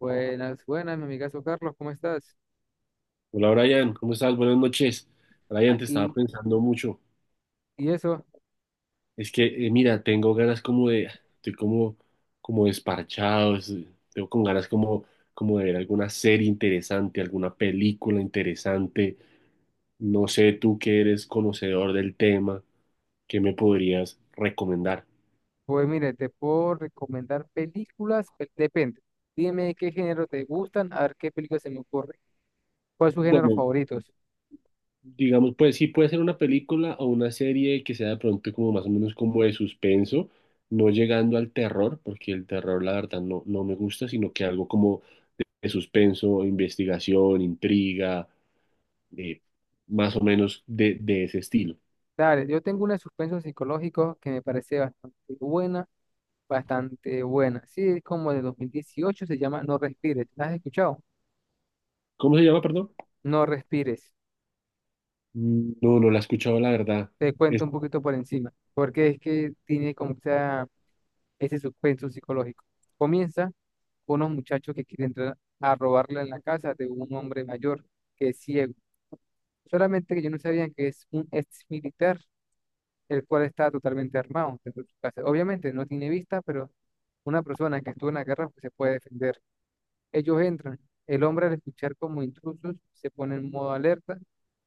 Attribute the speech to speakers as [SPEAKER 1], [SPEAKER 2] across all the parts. [SPEAKER 1] Buenas, buenas, mi amigazo Carlos, ¿cómo estás?
[SPEAKER 2] Hola Brian, ¿cómo estás? Buenas noches. Brian, te estaba
[SPEAKER 1] Aquí,
[SPEAKER 2] pensando mucho.
[SPEAKER 1] y eso,
[SPEAKER 2] Es que, mira, tengo ganas como de, estoy como, como desparchado, tengo con ganas como, como de ver alguna serie interesante, alguna película interesante. No sé, tú que eres conocedor del tema, ¿qué me podrías recomendar?
[SPEAKER 1] pues mire, te puedo recomendar películas, depende. Dime qué género te gustan, a ver qué película se me ocurre. ¿Cuál es su género
[SPEAKER 2] Bueno.
[SPEAKER 1] favorito?
[SPEAKER 2] Digamos, pues sí puede ser una película o una serie que sea de pronto como más o menos como de suspenso, no llegando al terror, porque el terror la verdad no, no me gusta, sino que algo como de suspenso, investigación, intriga, eh, más o menos de ese estilo.
[SPEAKER 1] Dale, yo tengo una de suspenso psicológico que me parece bastante buena, bastante buena. Sí, es como de 2018, se llama No Respires. ¿La has escuchado?
[SPEAKER 2] ¿Cómo se llama, perdón?
[SPEAKER 1] No Respires.
[SPEAKER 2] Mm, no, no la he escuchado la verdad.
[SPEAKER 1] Te cuento
[SPEAKER 2] Es-
[SPEAKER 1] un poquito por encima, porque es que tiene como que esa ese suspenso psicológico. Comienza con unos muchachos que quieren entrar a robarle en la casa de un hombre mayor que es ciego. Solamente que ellos no sabían que es un ex militar, el cual está totalmente armado dentro de su casa. Obviamente no tiene vista, pero una persona que estuvo en la guerra pues, se puede defender. Ellos entran. El hombre al escuchar como intrusos se pone en modo alerta,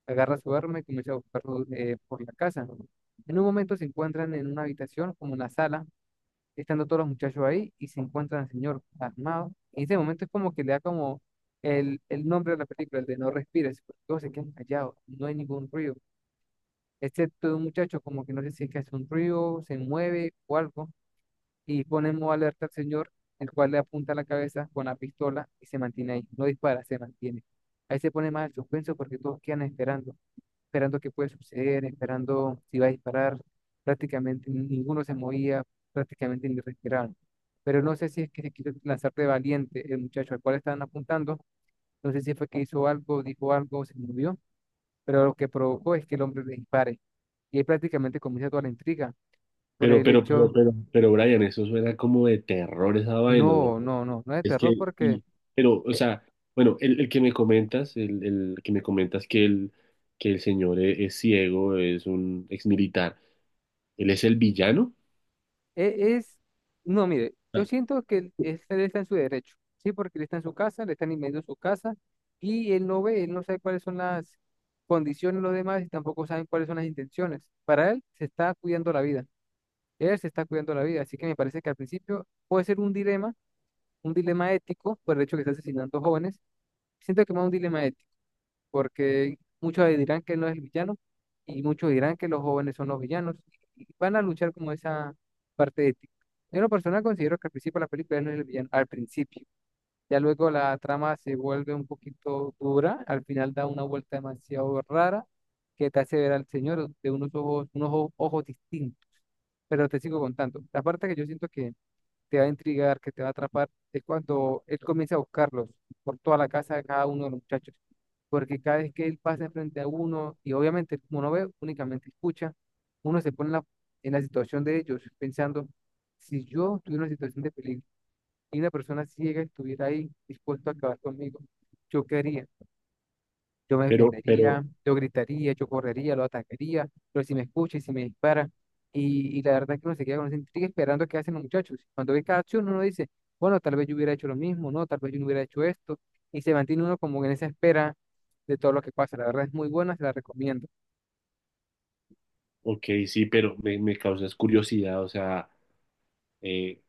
[SPEAKER 1] agarra su arma y comienza a buscarlos por la casa. En un momento se encuentran en una habitación, como una sala, estando todos los muchachos ahí y se encuentran al señor armado. En ese momento es como que le da como el nombre de la película, el de No respires, porque todos se quedan callados, no hay ningún ruido, excepto de un muchacho como que no sé si es que hace un ruido, se mueve o algo, y ponemos alerta al señor, el cual le apunta la cabeza con la pistola y se mantiene ahí, no dispara, se mantiene. Ahí se pone más el suspenso porque todos quedan esperando esperando qué puede suceder, esperando si va a disparar. Prácticamente ninguno se movía, prácticamente ni respiraban. Pero no sé si es que se quiso lanzar de valiente el muchacho al cual estaban apuntando. No sé si fue que hizo algo, dijo algo, se movió. Pero lo que provocó es que el hombre le dispare. Y ahí prácticamente comienza toda la intriga por
[SPEAKER 2] pero,
[SPEAKER 1] el hecho,
[SPEAKER 2] pero, Brian, eso suena como de terror esa vaina.
[SPEAKER 1] no, no, no, no es de
[SPEAKER 2] Es
[SPEAKER 1] terror
[SPEAKER 2] que,
[SPEAKER 1] porque
[SPEAKER 2] y, pero, o
[SPEAKER 1] e-
[SPEAKER 2] sea, bueno, el que me comentas, el que me comentas que el señor es, ciego, es un exmilitar, él es el villano.
[SPEAKER 1] Es, no, mire, yo
[SPEAKER 2] Ah,
[SPEAKER 1] siento que él está en su derecho, sí, porque él está en su casa, le están invadiendo su casa y él no ve, él no sabe cuáles son las condiciones de los demás y tampoco saben cuáles son las intenciones. Para él se está cuidando la vida, él se está cuidando la vida, así que me parece que al principio puede ser un dilema ético por el hecho que está asesinando jóvenes. Siento que más un dilema ético porque muchos dirán que él no es el villano y muchos dirán que los jóvenes son los villanos y van a luchar como esa parte ética. Yo en lo personal considero que al principio de la película él no es el villano, al principio. Ya luego la trama se vuelve un poquito dura, al final da una vuelta demasiado rara que te hace ver al señor de unos ojos, ojos distintos, pero te sigo contando. La parte que yo siento que te va a intrigar, que te va a atrapar, es cuando él comienza a buscarlos por toda la casa de cada uno de los muchachos. Porque cada vez que él pasa enfrente a uno, y obviamente como no ve, únicamente escucha, uno se pone en la situación de ellos, pensando, si yo tuviera una situación de peligro y una persona ciega estuviera ahí dispuesto a acabar conmigo, yo quería. Yo me defendería,
[SPEAKER 2] pero,
[SPEAKER 1] yo gritaría, yo correría, lo atacaría, pero si me escucha y si me dispara. Y la verdad es que uno se queda con esa intriga esperando qué hacen los muchachos. Cuando ve cada acción, uno dice, bueno, tal vez yo hubiera hecho lo mismo, no, tal vez yo no hubiera hecho esto. Y se mantiene uno como en esa espera de todo lo que pasa. La verdad es muy buena, se la recomiendo.
[SPEAKER 2] ok, sí, pero me causas curiosidad, o sea, eh,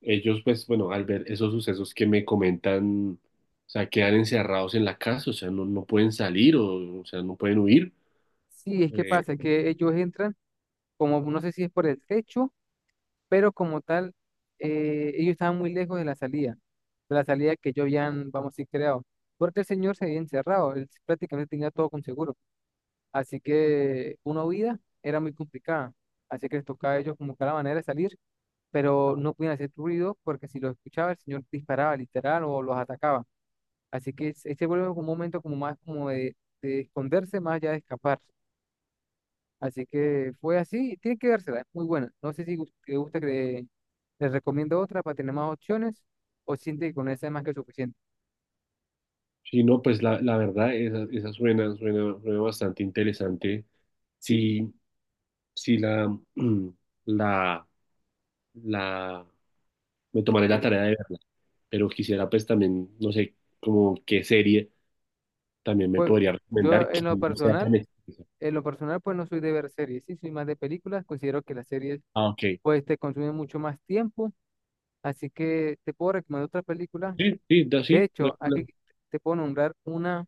[SPEAKER 2] ellos, pues, bueno, al ver esos sucesos que me comentan, o sea, quedan encerrados en la casa, o sea, no, no pueden salir, o sea, no pueden huir.
[SPEAKER 1] Sí, es que
[SPEAKER 2] Eh,
[SPEAKER 1] pasa que ellos entran. Como no sé si es por el techo, pero como tal, ellos estaban muy lejos de la salida que yo habían, vamos a decir, creado, porque el señor se había encerrado, él prácticamente tenía todo con seguro, así que una huida era muy complicada, así que les tocaba a ellos como que la manera de salir, pero no podían hacer ruido porque si lo escuchaba el señor disparaba literal o los atacaba, así que se vuelve como un momento como más como de esconderse más allá de escapar. Así que fue así, y tiene que dársela, es muy buena. No sé si te gusta que les recomiendo otra para tener más opciones o siente que con esa es más que suficiente.
[SPEAKER 2] sí, no, pues la verdad, esa suena, suena, suena bastante interesante. Sí, sí. Sí, la, la, la, me tomaré la
[SPEAKER 1] ¿Sí?
[SPEAKER 2] tarea de verla, pero quisiera pues también, no sé, como qué serie también me
[SPEAKER 1] Pues
[SPEAKER 2] podría
[SPEAKER 1] yo
[SPEAKER 2] recomendar que no sea tan extensa.
[SPEAKER 1] en lo personal pues no soy de ver series, sí, soy más de películas, considero que las series
[SPEAKER 2] Ah, ok.
[SPEAKER 1] pues te consumen mucho más tiempo, así que te puedo recomendar otra película.
[SPEAKER 2] Sí, sí, da,
[SPEAKER 1] De
[SPEAKER 2] sí, no hay
[SPEAKER 1] hecho, aquí
[SPEAKER 2] problema.
[SPEAKER 1] te puedo nombrar una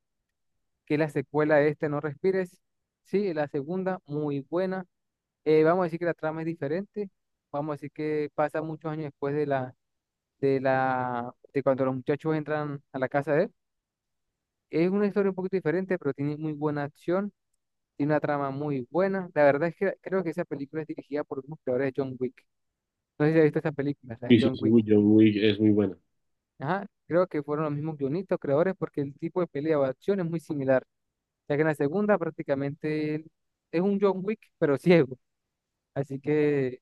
[SPEAKER 1] que es la secuela de este No Respires, sí, la segunda, muy buena. Vamos a decir que la trama es diferente, vamos a decir que pasa muchos años después de la, de cuando los muchachos entran a la casa de él. Es una historia un poquito diferente, pero tiene muy buena acción, tiene una trama muy buena. La verdad es que creo que esa película es dirigida por los mismos creadores de John Wick. No sé si has visto esa película, la de
[SPEAKER 2] Sí, sí,
[SPEAKER 1] John
[SPEAKER 2] sí,
[SPEAKER 1] Wick.
[SPEAKER 2] uy, yo, uy, es muy buena.
[SPEAKER 1] Ajá, creo que fueron los mismos guionistas, creadores, porque el tipo de pelea o acción es muy similar, ya que en la segunda prácticamente él es un John Wick, pero ciego. Así que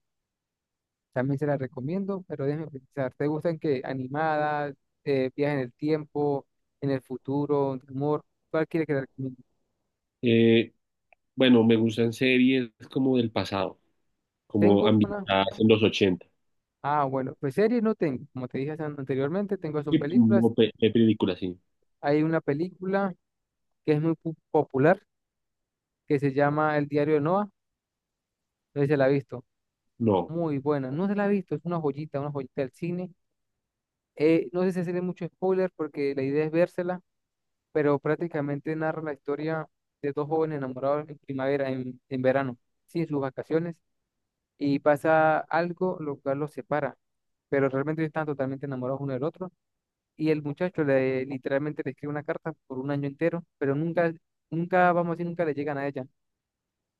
[SPEAKER 1] también se la recomiendo, pero déjame pensar. ¿Te gustan que animadas, viajes en el tiempo, en el futuro, de humor? ¿Cuál quiere que te recomiende?
[SPEAKER 2] Eh, bueno, me gustan series como del pasado, como
[SPEAKER 1] Tengo una.
[SPEAKER 2] ambientadas en los 80.
[SPEAKER 1] Ah, bueno, pues series no tengo. Como te dije anteriormente, tengo son
[SPEAKER 2] Sí,
[SPEAKER 1] películas.
[SPEAKER 2] no, de películas, sí.
[SPEAKER 1] Hay una película que es muy popular que se llama El diario de Noah. No sé si se la ha visto.
[SPEAKER 2] No.
[SPEAKER 1] Muy buena. No se la ha visto, es una joyita del cine. No sé si hacerle mucho spoiler porque la idea es vérsela pero prácticamente narra la historia de dos jóvenes enamorados en primavera, en verano, sí, en sus vacaciones, y pasa algo lo cual los separa, pero realmente ellos están totalmente enamorados uno del otro, y el muchacho le, literalmente le escribe una carta por un año entero, pero nunca, nunca, vamos a decir, nunca le llegan a ella,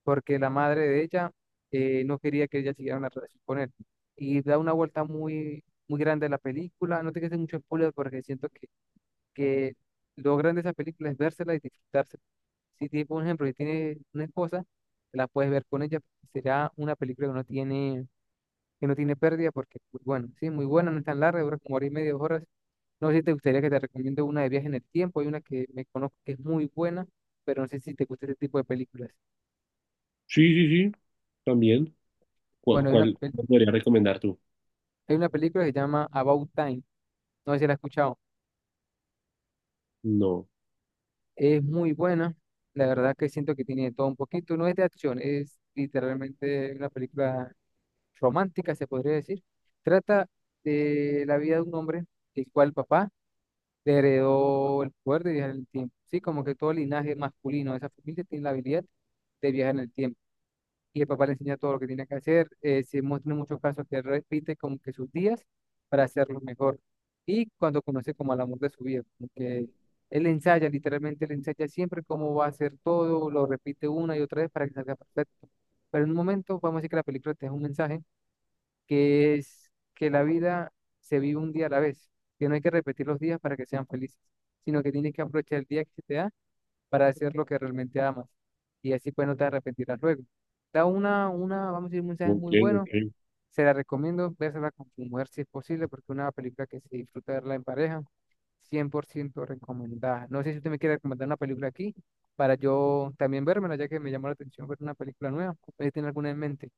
[SPEAKER 1] porque la madre de ella no quería que ella siguiera una relación con él, y da una vuelta muy, muy grande a la película, no te quedes mucho spoiler porque siento que logran de esa película es vérsela y disfrutársela. Si tienes, por ejemplo, si tienes una esposa, te la puedes ver con ella, será una película que no tiene pérdida, porque, pues, bueno, sí, muy buena, no es tan larga, dura como hora y media, dos horas. No sé si te gustaría que te recomiende una de viaje en el tiempo, hay una que me conozco que es muy buena, pero no sé si te gusta ese tipo de películas.
[SPEAKER 2] Sí, sí, sí, también. ¿Cuál,
[SPEAKER 1] Bueno, hay una,
[SPEAKER 2] cuál me podría recomendar tú?
[SPEAKER 1] hay una película que se llama About Time, no sé si la has escuchado,
[SPEAKER 2] No.
[SPEAKER 1] es muy buena, la verdad que siento que tiene de todo un poquito, no es de acción, es literalmente una película romántica, se podría decir. Trata de la vida de un hombre, el cual el papá le heredó el poder de viajar en el tiempo. Sí, como que todo el linaje masculino de esa familia tiene la habilidad de viajar en el tiempo. Y el papá le enseña todo lo que tiene que hacer. Se muestran muchos casos que repite como que sus días para hacerlo mejor. Y cuando conoce como al amor de su vida, como que él ensaya, literalmente él ensaya siempre cómo va a hacer todo, lo repite una y otra vez para que salga perfecto. Pero en un momento, vamos a decir que la película te da un mensaje que es que la vida se vive un día a la vez, que no hay que repetir los días para que sean felices, sino que tienes que aprovechar el día que se te da para hacer lo que realmente amas. Y así pues no te arrepentirás luego. Da vamos a decir, un mensaje
[SPEAKER 2] Ok,
[SPEAKER 1] muy bueno.
[SPEAKER 2] ok.
[SPEAKER 1] Se la recomiendo, véasela con tu mujer si es posible, porque es una película que se disfruta verla en pareja, 100% recomendada. No sé si usted me quiere recomendar una película aquí para yo también vérmela, ya que me llamó la atención ver una película nueva. ¿Usted tiene alguna en mente?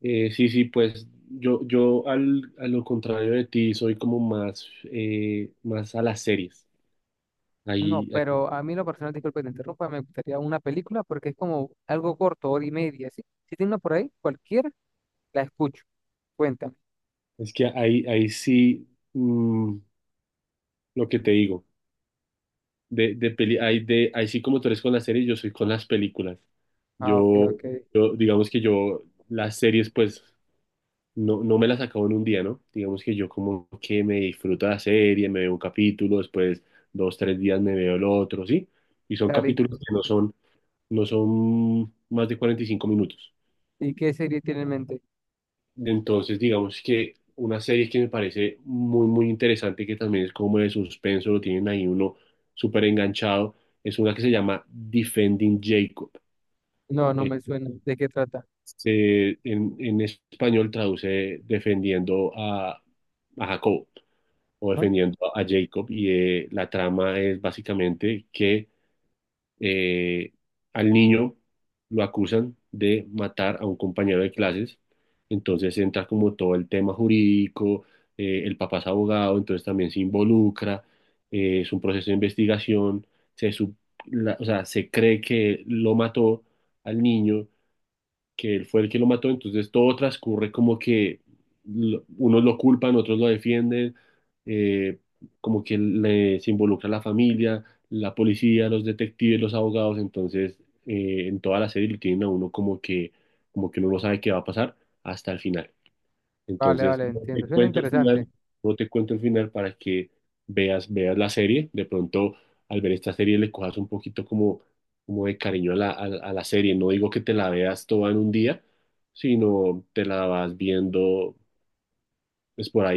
[SPEAKER 2] Sí, sí, pues yo al, a lo contrario de ti soy como más, más a las series.
[SPEAKER 1] No,
[SPEAKER 2] Ahí, ahí-
[SPEAKER 1] pero a mí lo personal, disculpe que te interrumpa, me gustaría una película porque es como algo corto, hora y media, ¿sí? Si tiene una por ahí, cualquiera, la escucho. Cuéntame.
[SPEAKER 2] es que ahí, ahí sí, lo que te digo, de peli, ahí, de, ahí sí como tú eres con las series, yo soy con las películas.
[SPEAKER 1] Ah, ok,
[SPEAKER 2] Yo,
[SPEAKER 1] ok.
[SPEAKER 2] yo digamos que yo las series pues no, no me las acabo en un día, ¿no? Digamos que yo como que me disfruto la serie, me veo un capítulo, después dos, tres días me veo el otro, ¿sí? Y son
[SPEAKER 1] Dale,
[SPEAKER 2] capítulos que no son más de 45 minutos.
[SPEAKER 1] ¿y qué serie tiene en mente?
[SPEAKER 2] Entonces, digamos que una serie que me parece muy, muy interesante, que también es como de suspenso, lo tienen ahí uno súper enganchado, es una que se llama Defending Jacob.
[SPEAKER 1] No, no
[SPEAKER 2] Eh,
[SPEAKER 1] me suena. ¿De qué trata?
[SPEAKER 2] en español traduce defendiendo a Jacob o
[SPEAKER 1] ¿Ah?
[SPEAKER 2] defendiendo a Jacob. Y la trama es básicamente que eh, al niño lo acusan de matar a un compañero de clases, entonces entra como todo el tema jurídico, el papá es abogado, entonces también se involucra, es un proceso de investigación, se, sup- o sea, se cree que lo mató al niño, que él fue el que lo mató, entonces todo transcurre como que unos lo culpan, otros lo defienden, eh, como que se involucra la familia, la policía, los detectives, los abogados, entonces en toda la serie lo tienen a uno como que uno no sabe qué va a pasar hasta el final.
[SPEAKER 1] Vale,
[SPEAKER 2] Entonces,
[SPEAKER 1] vale,
[SPEAKER 2] no te
[SPEAKER 1] entiendo. Suena
[SPEAKER 2] cuento el
[SPEAKER 1] interesante.
[SPEAKER 2] final, no te cuento el final para que veas, veas la serie. De pronto, al ver esta serie, le cojas un poquito como, como de cariño a la, a, la a la serie. No digo que te la veas toda en un día, sino te la vas viendo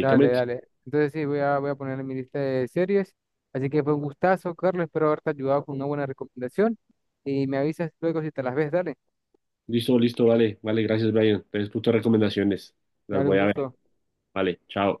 [SPEAKER 1] Dale, dale. Entonces sí, voy a poner en mi lista de series. Así que fue un gustazo, Carlos. Espero haberte ayudado con una buena recomendación. Y me avisas luego si te las ves, dale.
[SPEAKER 2] Listo, listo, vale, vale, gracias, Brian. Entonces, tus recomendaciones las
[SPEAKER 1] Dale un
[SPEAKER 2] voy a ver.
[SPEAKER 1] gusto.
[SPEAKER 2] Vale, chao.